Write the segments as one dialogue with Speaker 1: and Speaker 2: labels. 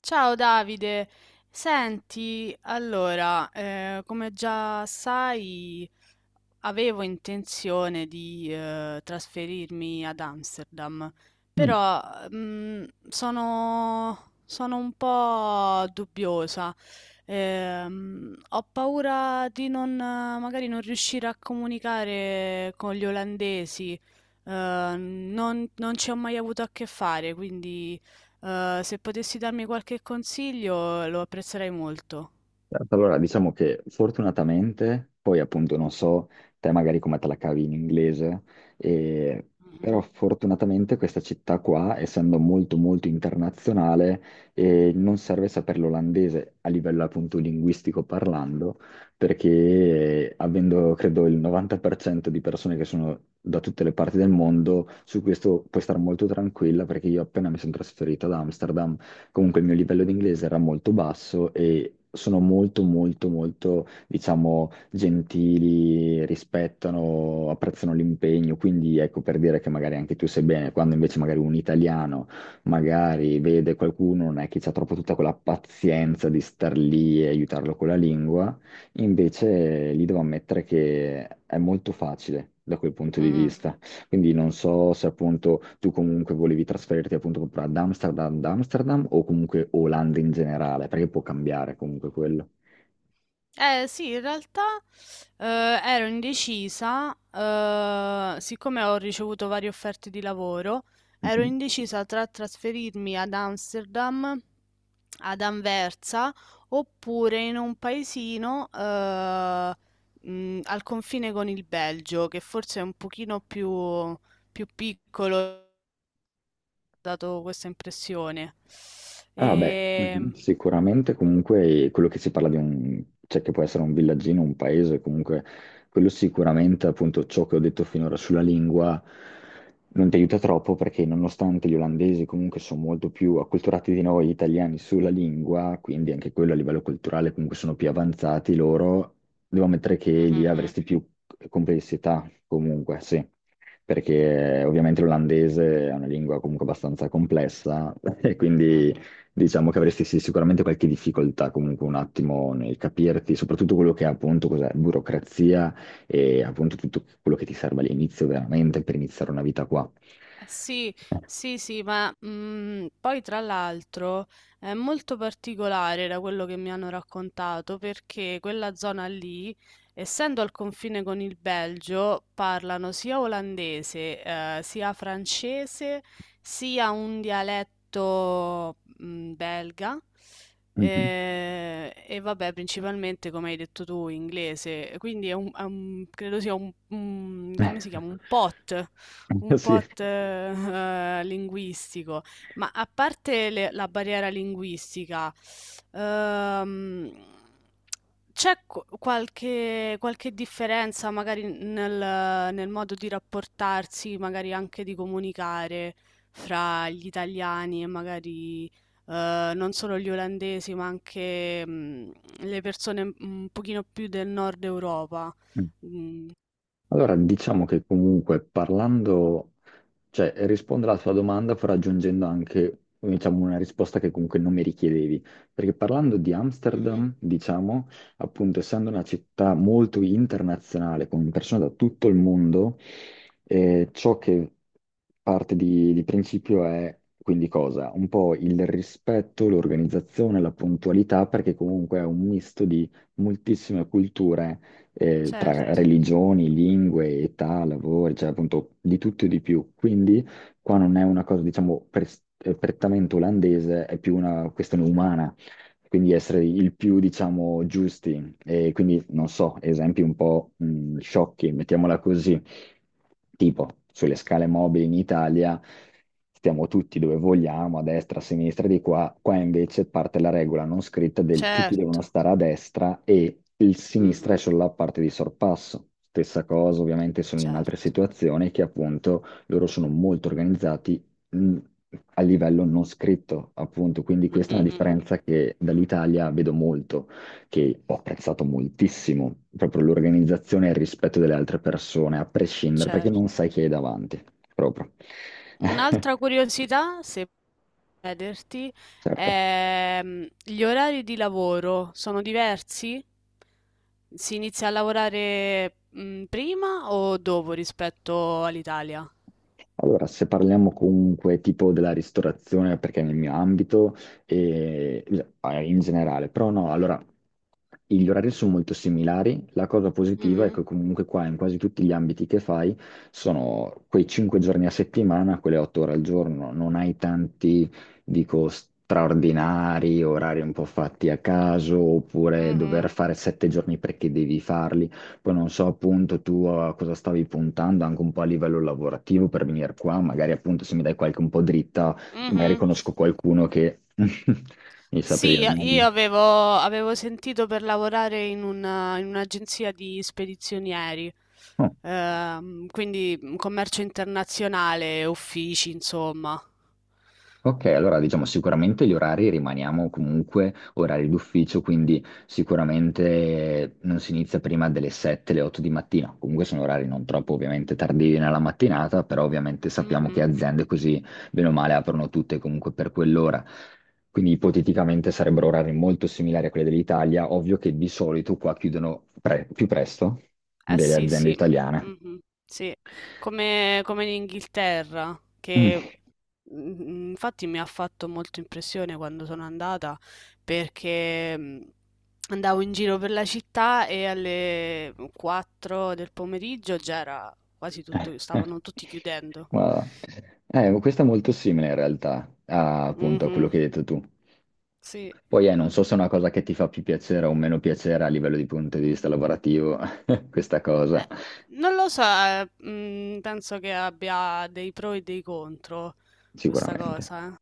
Speaker 1: Ciao Davide. Senti, allora, come già sai, avevo intenzione di, trasferirmi ad Amsterdam.
Speaker 2: Mm.
Speaker 1: Però, sono un po' dubbiosa. Ho paura di non magari non riuscire a comunicare con gli olandesi. Non ci ho mai avuto a che fare, quindi, se potessi darmi qualche consiglio lo apprezzerei molto.
Speaker 2: Certo. Allora, diciamo che fortunatamente, poi appunto non so te magari come te la cavi in inglese, e- però
Speaker 1: Mh-mh.
Speaker 2: fortunatamente questa città qua, essendo molto molto internazionale, non serve sapere l'olandese a livello appunto linguistico parlando, perché avendo credo il 90% di persone che sono da tutte le parti del mondo, su questo puoi stare molto tranquilla perché io appena mi sono trasferito ad Amsterdam, comunque il mio livello di inglese era molto basso e sono molto molto molto, diciamo, gentili, rispettano, apprezzano l'impegno, quindi ecco per dire che magari anche tu sei bene, quando invece magari un italiano magari vede qualcuno, non è che c'ha troppo tutta quella pazienza di star lì e aiutarlo con la lingua, invece lì devo ammettere che è molto facile da quel punto di
Speaker 1: Mh-mh.
Speaker 2: vista. Quindi non so se appunto tu comunque volevi trasferirti appunto proprio ad Amsterdam o comunque Olanda in generale, perché può cambiare comunque quello.
Speaker 1: Eh sì, in realtà eh, ero indecisa, siccome ho ricevuto varie offerte di lavoro. Ero indecisa tra trasferirmi ad Amsterdam, ad Anversa, oppure in un paesino al confine con il Belgio, che forse è un pochino più piccolo, ho dato questa impressione.
Speaker 2: Ah beh,
Speaker 1: E...
Speaker 2: sicuramente comunque quello che si parla di un, cioè che può essere un villaggino, un paese, comunque quello sicuramente appunto ciò che ho detto finora sulla lingua non ti aiuta troppo perché nonostante gli olandesi comunque sono molto più acculturati di noi italiani sulla lingua, quindi anche quello a livello culturale comunque sono più avanzati loro, devo ammettere che lì
Speaker 1: Mhm,
Speaker 2: avresti più complessità comunque, sì. Perché ovviamente l'olandese è una lingua comunque abbastanza complessa e quindi
Speaker 1: mhm.
Speaker 2: diciamo che avresti sì, sicuramente qualche difficoltà comunque un attimo nel capirti, soprattutto quello che è appunto cos'è, burocrazia e appunto tutto quello che ti serve all'inizio veramente per iniziare una vita qua.
Speaker 1: Sì, sì, sì, ma poi tra l'altro è molto particolare da quello che mi hanno raccontato, perché quella zona lì, essendo al confine con il Belgio, parlano sia olandese, sia francese, sia un dialetto belga.
Speaker 2: Mhm.
Speaker 1: E vabbè, principalmente come hai detto tu, inglese, quindi credo sia un, come si chiama? Un pot. Un
Speaker 2: Sì.
Speaker 1: pot, linguistico. Ma a parte la barriera linguistica, ehm, c'è qualche differenza magari nel modo di rapportarsi, magari anche di comunicare fra gli italiani e magari non solo gli olandesi, ma anche le persone un pochino più del nord Europa? Mm.
Speaker 2: Allora, diciamo che comunque parlando. Cioè, rispondo alla tua domanda però aggiungendo anche, diciamo, una risposta che comunque non mi richiedevi, perché parlando di
Speaker 1: Mhm.
Speaker 2: Amsterdam, diciamo, appunto, essendo una città molto internazionale, con persone da tutto il mondo, e ciò che parte di principio è quindi cosa? Un po' il rispetto, l'organizzazione, la puntualità, perché comunque è un misto di moltissime culture, tra
Speaker 1: Certo,
Speaker 2: religioni, lingue, età, lavori, cioè appunto di tutto e di più. Quindi qua non è una cosa, diciamo, prettamente olandese, è più una questione umana. Quindi essere il più, diciamo, giusti. E quindi, non so, esempi un po' sciocchi, mettiamola così. Tipo, sulle scale mobili in Italia stiamo tutti dove vogliamo, a destra, a sinistra, di qua. Qua invece parte la regola non scritta del tutti devono
Speaker 1: certo.
Speaker 2: stare a destra e il sinistra è
Speaker 1: Mh-mh.
Speaker 2: solo la parte di sorpasso. Stessa cosa, ovviamente, sono in altre
Speaker 1: Certo.
Speaker 2: situazioni che appunto loro sono molto organizzati mh, a livello non scritto, appunto. Quindi
Speaker 1: Mh,
Speaker 2: questa è una
Speaker 1: mh, mh, mh.
Speaker 2: differenza che dall'Italia vedo molto, che ho apprezzato moltissimo, proprio l'organizzazione e il rispetto delle altre persone, a prescindere, perché
Speaker 1: Certo.
Speaker 2: non sai chi hai davanti, proprio. Eh,
Speaker 1: Un'altra curiosità, se posso chiederti,
Speaker 2: certo.
Speaker 1: gli orari di lavoro sono diversi? Si inizia a lavorare, prima o dopo rispetto all'Italia?
Speaker 2: Allora, se parliamo comunque tipo della ristorazione, perché è nel mio ambito, e in generale, però no, allora gli orari sono molto similari. La cosa positiva è
Speaker 1: Mh-mh.
Speaker 2: che comunque qua in quasi tutti gli ambiti che fai sono quei 5 giorni a settimana, quelle 8 ore al giorno, non hai tanti, dico, straordinari, orari un po' fatti a caso, oppure dover
Speaker 1: Mh-mh.
Speaker 2: fare 7 giorni perché devi farli. Poi non so appunto tu a cosa stavi puntando anche un po' a livello lavorativo per venire qua, magari appunto se mi dai qualche un po' dritta, magari
Speaker 1: Mh-mh.
Speaker 2: conosco qualcuno che mi saprà
Speaker 1: Sì,
Speaker 2: dire meglio.
Speaker 1: io avevo sentito per lavorare in in un'agenzia di spedizionieri,
Speaker 2: Oh,
Speaker 1: quindi commercio internazionale, uffici, insomma.
Speaker 2: ok, allora diciamo sicuramente gli orari rimaniamo comunque orari d'ufficio, quindi sicuramente non si inizia prima delle 7, le 8 di mattina, comunque sono orari non troppo ovviamente tardivi nella mattinata, però ovviamente sappiamo che
Speaker 1: Mhm.
Speaker 2: aziende così bene o male aprono tutte comunque per quell'ora. Quindi ipoteticamente sarebbero orari molto similari a quelli dell'Italia, ovvio che di solito qua chiudono più presto
Speaker 1: Eh
Speaker 2: delle
Speaker 1: sì,
Speaker 2: aziende
Speaker 1: sì,
Speaker 2: italiane.
Speaker 1: mhm, sì, come in Inghilterra,
Speaker 2: Mm.
Speaker 1: che infatti mi ha fatto molto impressione quando sono andata, perché andavo in giro per la città e alle 4 del pomeriggio già era quasi tutto, stavano tutti chiudendo.
Speaker 2: Ma, questo è molto simile in realtà appunto a quello che hai
Speaker 1: Mhm,
Speaker 2: detto tu.
Speaker 1: sì.
Speaker 2: Poi non so se è una cosa che ti fa più piacere o meno piacere a livello di punto di vista lavorativo, questa
Speaker 1: Eh,
Speaker 2: cosa,
Speaker 1: non lo so, penso che abbia dei pro e dei contro questa
Speaker 2: sicuramente.
Speaker 1: cosa, eh.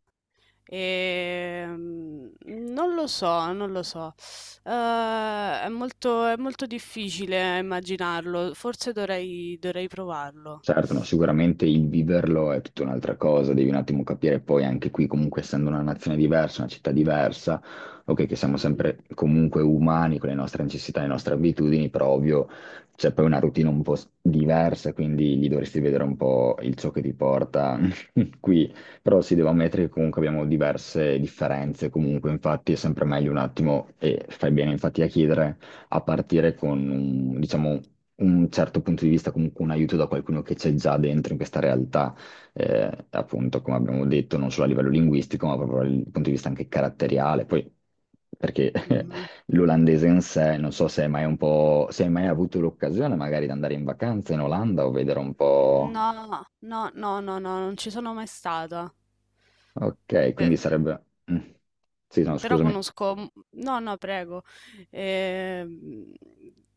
Speaker 1: Non lo so, non lo so. Eh, è molto difficile immaginarlo. Forse dovrei provarlo.
Speaker 2: Certo, no, sicuramente il viverlo è tutta un'altra cosa, devi un attimo capire poi anche qui, comunque essendo una nazione diversa, una città diversa, ok, che siamo
Speaker 1: Mhm,
Speaker 2: sempre comunque umani con le nostre necessità, le nostre abitudini, però ovvio c'è poi una routine un po' diversa, quindi gli dovresti vedere un po' il ciò che ti porta qui, però si deve ammettere che comunque abbiamo diverse differenze, comunque infatti è sempre meglio un attimo, e fai bene infatti a chiedere, a partire con un, diciamo, un certo punto di vista, comunque un aiuto da qualcuno che c'è già dentro in questa realtà, appunto, come abbiamo detto, non solo a livello linguistico, ma proprio dal punto di vista anche caratteriale. Poi, perché
Speaker 1: mhm.
Speaker 2: l'olandese in sé, non so se hai mai un po', se hai mai avuto l'occasione magari di andare in vacanza in Olanda o vedere un po'...
Speaker 1: No, no, no, no, no, non ci sono mai stata.
Speaker 2: Ok,
Speaker 1: Pe-
Speaker 2: quindi sarebbe... mm. Sì, no,
Speaker 1: però
Speaker 2: scusami.
Speaker 1: conosco. No, no, prego. Ehm,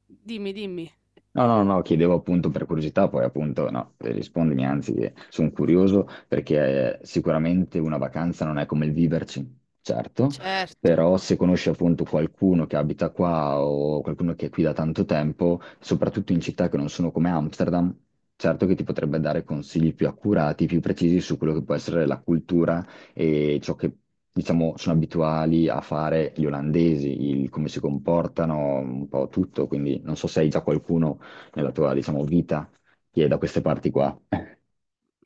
Speaker 1: dimmi, dimmi.
Speaker 2: No, no, no, chiedevo appunto per curiosità, poi appunto no, rispondimi, anzi, sono curioso perché sicuramente una vacanza non è come il viverci, certo,
Speaker 1: Certo.
Speaker 2: però se conosci appunto qualcuno che abita qua o qualcuno che è qui da tanto tempo, soprattutto in città che non sono come Amsterdam, certo che ti potrebbe dare consigli più accurati, più precisi su quello che può essere la cultura e ciò che, diciamo, sono abituali a fare gli olandesi, il come si comportano, un po' tutto, quindi non so se hai già qualcuno nella tua, diciamo, vita che è da queste parti qua.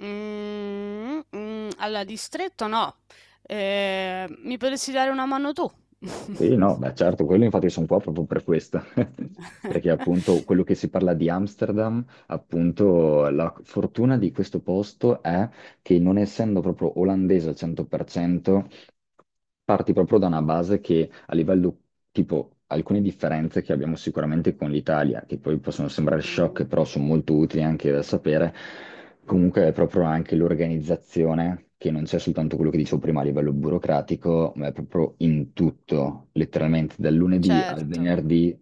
Speaker 1: Allora, distretto no. Mi potresti dare una mano tu?
Speaker 2: E no, beh, certo, quello infatti sono qua proprio per questo, perché appunto quello che si parla di Amsterdam, appunto la fortuna di questo posto è che non essendo proprio olandese al 100%, parti proprio da una base che a livello tipo alcune differenze che abbiamo sicuramente con l'Italia, che poi possono sembrare
Speaker 1: Mh-mh.
Speaker 2: shock, però sono molto utili anche da sapere, comunque è proprio anche l'organizzazione, che non c'è soltanto quello che dicevo prima a livello burocratico, ma è proprio in tutto, letteralmente dal lunedì al
Speaker 1: Certo,
Speaker 2: venerdì,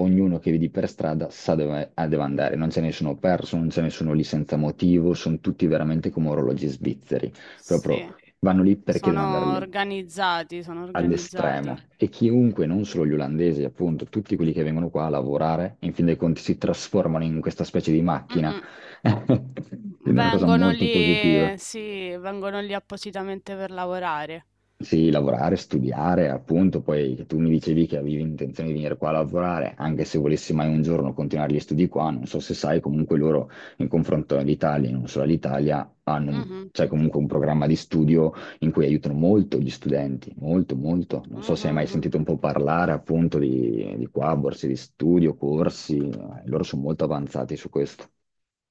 Speaker 2: ognuno che vedi per strada sa dove, ah, deve andare, non c'è nessuno perso, non c'è nessuno lì senza motivo, sono tutti veramente come orologi svizzeri,
Speaker 1: sì.
Speaker 2: proprio vanno lì perché devono andare
Speaker 1: Sono
Speaker 2: lì
Speaker 1: organizzati, sono
Speaker 2: all'estremo
Speaker 1: organizzati.
Speaker 2: e chiunque, non solo gli olandesi, appunto, tutti quelli che vengono qua a lavorare, in fin dei conti si trasformano in questa specie di macchina.
Speaker 1: Mh-mh.
Speaker 2: Quindi è una cosa
Speaker 1: Vengono
Speaker 2: molto positiva.
Speaker 1: lì sì, vengono lì appositamente per lavorare.
Speaker 2: Sì, lavorare, studiare, appunto, poi che tu mi dicevi che avevi intenzione di venire qua a lavorare, anche se volessi mai un giorno continuare gli studi qua, non so se sai, comunque loro in confronto all'Italia, e non solo all'Italia, hanno
Speaker 1: Mh-mh.
Speaker 2: c'è comunque un programma di studio in cui aiutano molto gli studenti, molto, molto. Non so se hai mai
Speaker 1: Mh-mh-mh.
Speaker 2: sentito un po' parlare appunto di qua, borse di studio, corsi, loro sono molto avanzati su questo.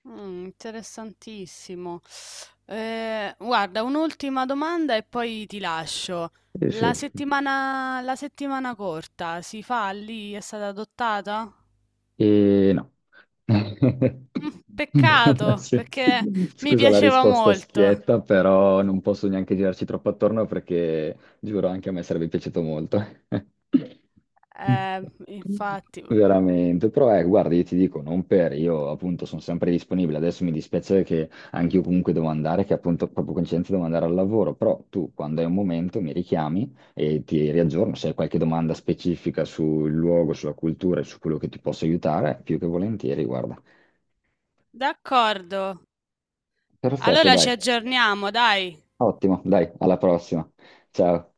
Speaker 1: Interessantissimo. Guarda, un'ultima domanda e poi ti lascio.
Speaker 2: Sì, sì.
Speaker 1: La settimana corta si fa lì? È stata adottata?
Speaker 2: E no.
Speaker 1: Peccato,
Speaker 2: Sì.
Speaker 1: perché mi
Speaker 2: Scusa la
Speaker 1: piaceva
Speaker 2: risposta
Speaker 1: molto.
Speaker 2: schietta, però non posso neanche girarci troppo attorno perché giuro anche a me sarebbe piaciuto molto.
Speaker 1: Infatti.
Speaker 2: Veramente, però guarda, io ti dico, non per, io appunto sono sempre disponibile, adesso mi dispiace che anche io comunque devo andare, che appunto proprio coincidente devo andare al lavoro, però tu quando hai un momento mi richiami e ti riaggiorno. Se hai qualche domanda specifica sul luogo, sulla cultura e su quello che ti posso aiutare, più che volentieri, guarda.
Speaker 1: D'accordo.
Speaker 2: Perfetto,
Speaker 1: Allora ci
Speaker 2: dai.
Speaker 1: aggiorniamo, dai.
Speaker 2: Ottimo, dai, alla prossima. Ciao.